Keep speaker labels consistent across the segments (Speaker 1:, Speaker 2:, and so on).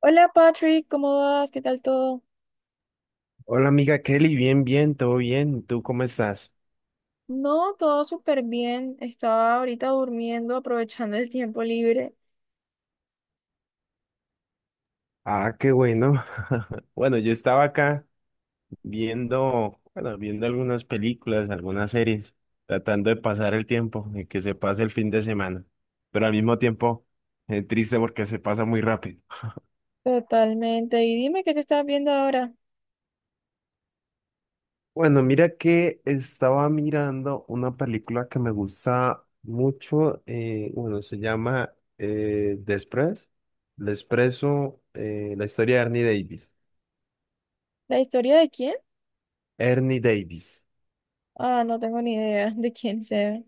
Speaker 1: Hola Patrick, ¿cómo vas? ¿Qué tal todo?
Speaker 2: Hola amiga Kelly, bien, todo bien. ¿Tú cómo estás?
Speaker 1: No, todo súper bien. Estaba ahorita durmiendo, aprovechando el tiempo libre.
Speaker 2: Ah, qué bueno. Bueno, yo estaba acá viendo algunas películas, algunas series, tratando de pasar el tiempo, y que se pase el fin de semana, pero al mismo tiempo triste porque se pasa muy rápido.
Speaker 1: Totalmente. Y dime qué te estás viendo ahora.
Speaker 2: Bueno, mira que estaba mirando una película que me gusta mucho, se llama The Express, The Expreso, la historia de Ernie Davis.
Speaker 1: ¿La historia de quién?
Speaker 2: Ernie Davis.
Speaker 1: Ah, no tengo ni idea de quién sea.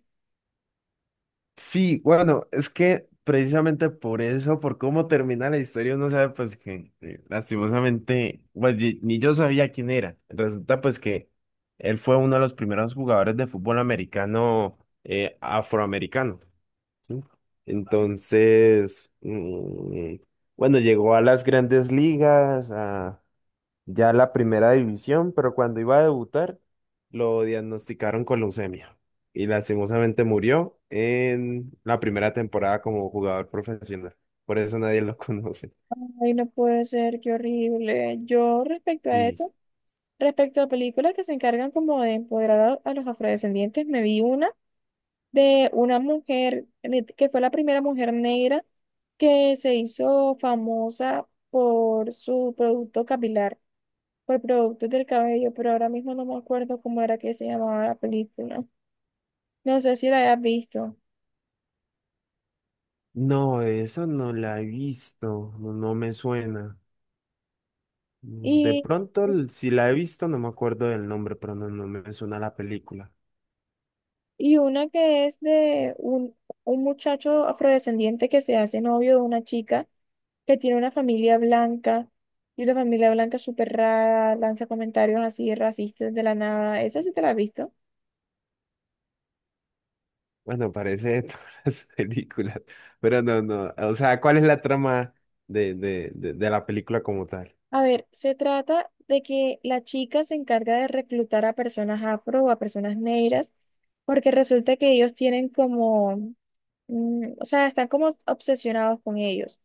Speaker 2: Sí, bueno, es que precisamente por eso, por cómo termina la historia, uno sabe pues que lastimosamente, pues ni yo sabía quién era. Resulta pues que él fue uno de los primeros jugadores de fútbol americano afroamericano, ¿sí? Entonces, bueno, llegó a las grandes ligas, a ya la primera división, pero cuando iba a debutar lo diagnosticaron con leucemia y lastimosamente murió en la primera temporada como jugador profesional. Por eso nadie lo conoce.
Speaker 1: Ay, no puede ser, qué horrible. Yo respecto a
Speaker 2: Sí.
Speaker 1: esto, respecto a películas que se encargan como de empoderar a los afrodescendientes, me vi una de una mujer que fue la primera mujer negra que se hizo famosa por su producto capilar, por productos del cabello, pero ahora mismo no me acuerdo cómo era que se llamaba la película. No sé si la hayas visto.
Speaker 2: No, eso no la he visto, no, no me suena. De
Speaker 1: Y
Speaker 2: pronto, si la he visto, no me acuerdo del nombre, pero no, no me suena la película.
Speaker 1: Y una que es de un muchacho afrodescendiente que se hace novio de una chica que tiene una familia blanca y la familia blanca es súper rara, lanza comentarios así racistas de la nada. Esa sí te la has visto.
Speaker 2: Bueno, parece de todas las películas, pero no, no. O sea, ¿cuál es la trama de la película como tal?
Speaker 1: A ver, se trata de que la chica se encarga de reclutar a personas afro o a personas negras porque resulta que ellos tienen como, o sea, están como obsesionados con ellos.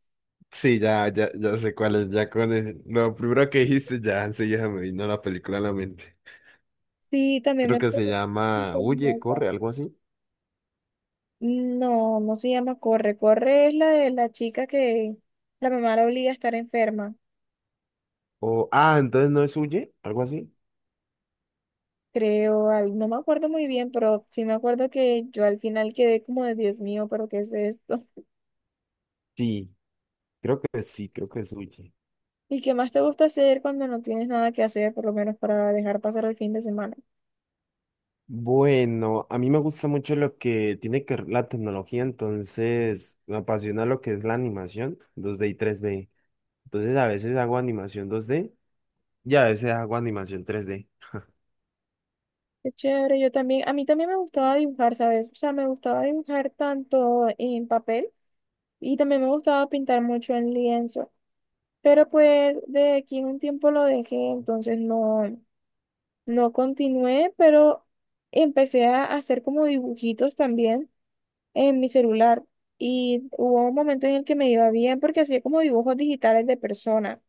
Speaker 2: Sí, ya sé cuál es, ya con lo primero que dijiste, ya enseguida me vino la película a la mente.
Speaker 1: Sí, también
Speaker 2: Creo
Speaker 1: me...
Speaker 2: que se llama Huye, corre, algo así.
Speaker 1: No, no se llama Corre. Corre es la de la chica que la mamá la obliga a estar enferma,
Speaker 2: O, ah, entonces no es Huye, algo así.
Speaker 1: creo. No me acuerdo muy bien, pero sí me acuerdo que yo al final quedé como de Dios mío, pero ¿qué es esto?
Speaker 2: Sí, sí, creo que es Huye.
Speaker 1: ¿Y qué más te gusta hacer cuando no tienes nada que hacer, por lo menos para dejar pasar el fin de semana?
Speaker 2: Bueno, a mí me gusta mucho lo que tiene que ver la tecnología, entonces me apasiona lo que es la animación 2D y 3D. Entonces a veces hago animación 2D y a veces hago animación 3D.
Speaker 1: Qué chévere, yo también, a mí también me gustaba dibujar, ¿sabes? O sea, me gustaba dibujar tanto en papel y también me gustaba pintar mucho en lienzo, pero pues de aquí en un tiempo lo dejé, entonces no. No continué, pero empecé a hacer como dibujitos también en mi celular. Y hubo un momento en el que me iba bien porque hacía como dibujos digitales de personas.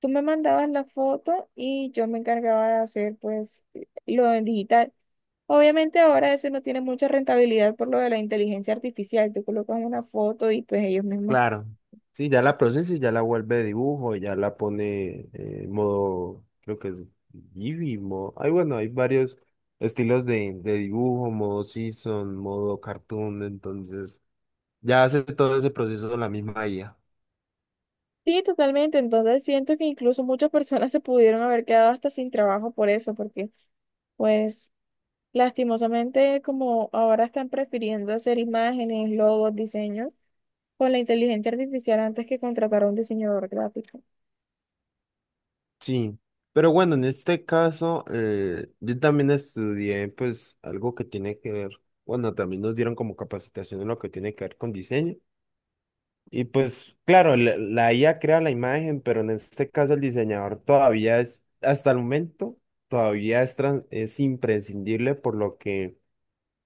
Speaker 1: Tú me mandabas la foto y yo me encargaba de hacer pues lo en digital. Obviamente ahora eso no tiene mucha rentabilidad por lo de la inteligencia artificial. Tú colocas una foto y pues ellos mismos.
Speaker 2: Claro. Sí, ya la procesa y ya la vuelve dibujo, y ya la pone en modo, creo que es Eevee, modo, ay, bueno, hay varios estilos de dibujo, modo season, modo cartoon, entonces ya hace todo ese proceso la misma IA.
Speaker 1: Sí, totalmente. Entonces siento que incluso muchas personas se pudieron haber quedado hasta sin trabajo por eso, porque pues lastimosamente como ahora están prefiriendo hacer imágenes, logos, diseños con la inteligencia artificial antes que contratar a un diseñador gráfico.
Speaker 2: Sí, pero bueno, en este caso yo también estudié pues algo que tiene que ver, bueno, también nos dieron como capacitación en lo que tiene que ver con diseño. Y pues, claro, la IA crea la imagen, pero en este caso el diseñador todavía es, hasta el momento, todavía es, es imprescindible por lo que,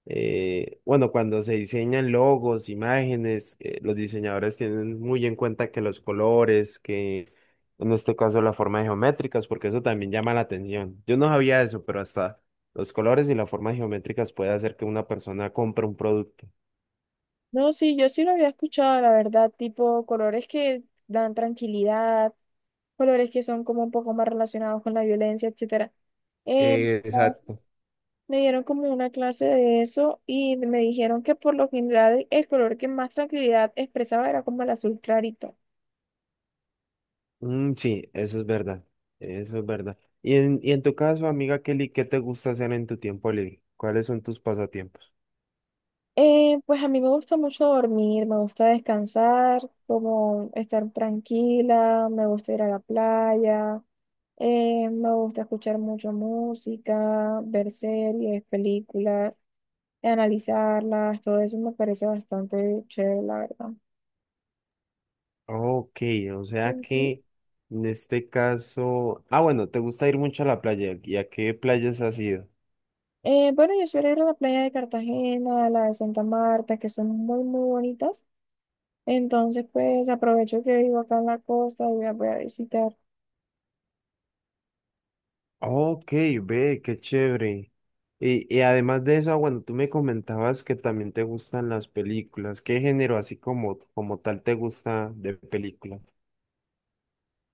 Speaker 2: bueno, cuando se diseñan logos, imágenes, los diseñadores tienen muy en cuenta que los colores, que en este caso las formas geométricas, porque eso también llama la atención. Yo no sabía eso, pero hasta los colores y las formas geométricas puede hacer que una persona compre un producto.
Speaker 1: No, sí, yo sí lo había escuchado, la verdad, tipo colores que dan tranquilidad, colores que son como un poco más relacionados con la violencia, etcétera. Eh,
Speaker 2: Exacto.
Speaker 1: Me dieron como una clase de eso y me dijeron que por lo general el color que más tranquilidad expresaba era como el azul clarito.
Speaker 2: Mm, sí, eso es verdad. Eso es verdad. Y en tu caso, amiga Kelly, ¿qué te gusta hacer en tu tiempo libre? ¿Cuáles son tus pasatiempos?
Speaker 1: Pues a mí me gusta mucho dormir, me gusta descansar, como estar tranquila, me gusta ir a la playa, me gusta escuchar mucho música, ver series, películas, analizarlas, todo eso me parece bastante chévere, la verdad.
Speaker 2: Ok, o sea
Speaker 1: Ujú.
Speaker 2: que en este caso. Ah, bueno, te gusta ir mucho a la playa. ¿Y a qué playas has ido?
Speaker 1: Bueno, yo suelo ir a la playa de Cartagena, a la de Santa Marta, que son muy, muy bonitas. Entonces, pues aprovecho que vivo acá en la costa y voy voy a visitar.
Speaker 2: Ok, ve, qué chévere. Y además de eso, ah, bueno, tú me comentabas que también te gustan las películas. ¿Qué género así como, como tal te gusta de película?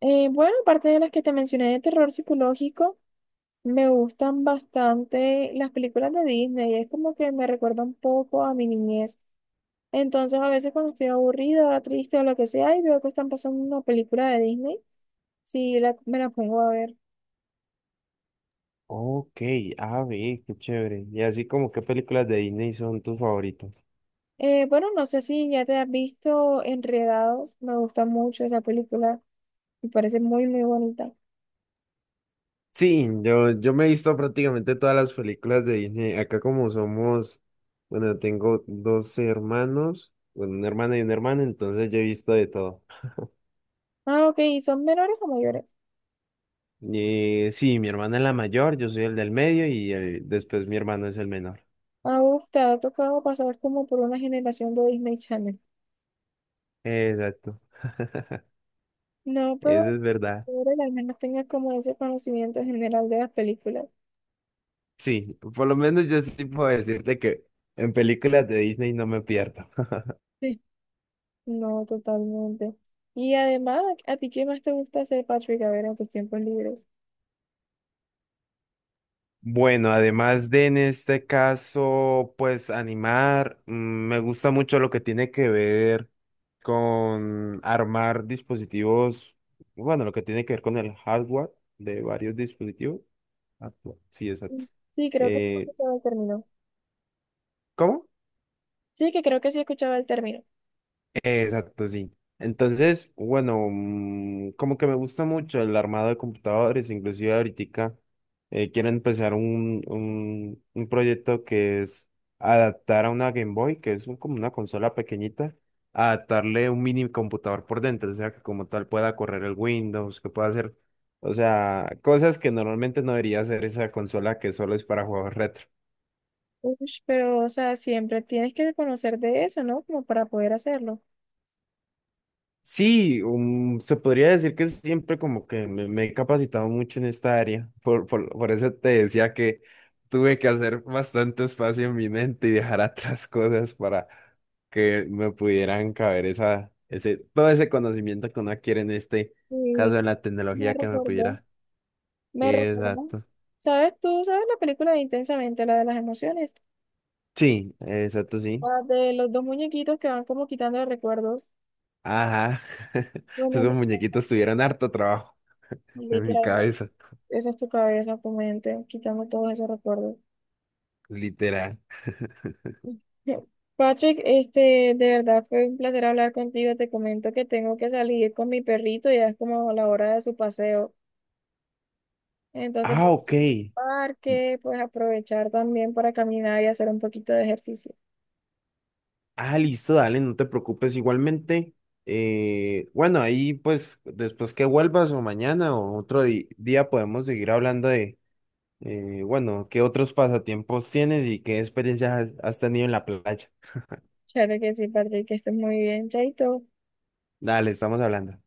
Speaker 1: Bueno, aparte de las que te mencioné de terror psicológico, me gustan bastante las películas de Disney. Es como que me recuerda un poco a mi niñez. Entonces, a veces cuando estoy aburrida, triste o lo que sea, y veo que están pasando una película de Disney, sí, me la pongo a ver.
Speaker 2: Ok, a ver, qué chévere. Y así como qué películas de Disney son tus favoritas.
Speaker 1: Bueno, no sé si ya te has visto Enredados. Me gusta mucho esa película. Me parece muy, muy bonita.
Speaker 2: Sí, yo me he visto prácticamente todas las películas de Disney. Acá como somos, bueno, tengo dos hermanos, bueno, una hermana y una hermana, entonces yo he visto de todo.
Speaker 1: Ah, ok. ¿Y son menores o mayores?
Speaker 2: Y sí, mi hermana es la mayor, yo soy el del medio y después mi hermano es el menor.
Speaker 1: Ah, uf, te ha tocado pasar como por una generación de Disney Channel.
Speaker 2: Exacto.
Speaker 1: No,
Speaker 2: Eso
Speaker 1: pero
Speaker 2: es verdad.
Speaker 1: ahora al menos tengas como ese conocimiento general de las películas.
Speaker 2: Sí, por lo menos yo sí puedo decirte que en películas de Disney no me pierdo.
Speaker 1: Sí. No, totalmente. Y además, ¿a ti qué más te gusta hacer, Patrick? A ver, en tus tiempos libres.
Speaker 2: Bueno, además de en este caso, pues animar, mm, me gusta mucho lo que tiene que ver con armar dispositivos, bueno, lo que tiene que ver con el hardware de varios dispositivos. Ah, no, sí,
Speaker 1: Mm.
Speaker 2: exacto.
Speaker 1: Sí, creo que sí
Speaker 2: Eh,
Speaker 1: he el término.
Speaker 2: ¿Cómo?
Speaker 1: Sí, que creo que sí escuchaba el término.
Speaker 2: Exacto, sí. Entonces, bueno, mm, como que me gusta mucho el armado de computadores, inclusive ahorita quiero empezar un proyecto que es adaptar a una Game Boy, que es como una consola pequeñita, adaptarle un mini computador por dentro, o sea, que como tal pueda correr el Windows, que pueda hacer, o sea, cosas que normalmente no debería hacer esa consola que solo es para juegos retro.
Speaker 1: Ush, pero, o sea, siempre tienes que conocer de eso, ¿no? Como para poder hacerlo.
Speaker 2: Sí, se podría decir que siempre como que me he capacitado mucho en esta área. Por eso te decía que tuve que hacer bastante espacio en mi mente y dejar atrás cosas para que me pudieran caber todo ese conocimiento que uno adquiere en este
Speaker 1: Sí,
Speaker 2: caso de la
Speaker 1: me
Speaker 2: tecnología que me
Speaker 1: recordó,
Speaker 2: pudiera.
Speaker 1: me recordó.
Speaker 2: Exacto.
Speaker 1: ¿Sabes tú, sabes la película de Intensamente, la de las emociones?
Speaker 2: Sí, exacto, sí.
Speaker 1: La de los dos muñequitos que van como quitando recuerdos.
Speaker 2: Ajá.
Speaker 1: Bueno,
Speaker 2: Esos
Speaker 1: no,
Speaker 2: muñequitos tuvieron harto trabajo
Speaker 1: no,
Speaker 2: en mi
Speaker 1: literalmente.
Speaker 2: cabeza,
Speaker 1: Esa es tu cabeza, tu mente, quitando todos esos recuerdos.
Speaker 2: literal.
Speaker 1: Patrick, este, de verdad fue un placer hablar contigo. Te comento que tengo que salir con mi perrito, ya es como la hora de su paseo. Entonces,
Speaker 2: Ah, ok.
Speaker 1: parque, pues aprovechar también para caminar y hacer un poquito de ejercicio.
Speaker 2: Ah, listo, dale, no te preocupes. Igualmente, bueno, ahí pues después que vuelvas o mañana o otro día podemos seguir hablando de, bueno, qué otros pasatiempos tienes y qué experiencias has tenido en la playa.
Speaker 1: Claro que sí, Patrick, que estés muy bien, Chaito.
Speaker 2: Dale, estamos hablando.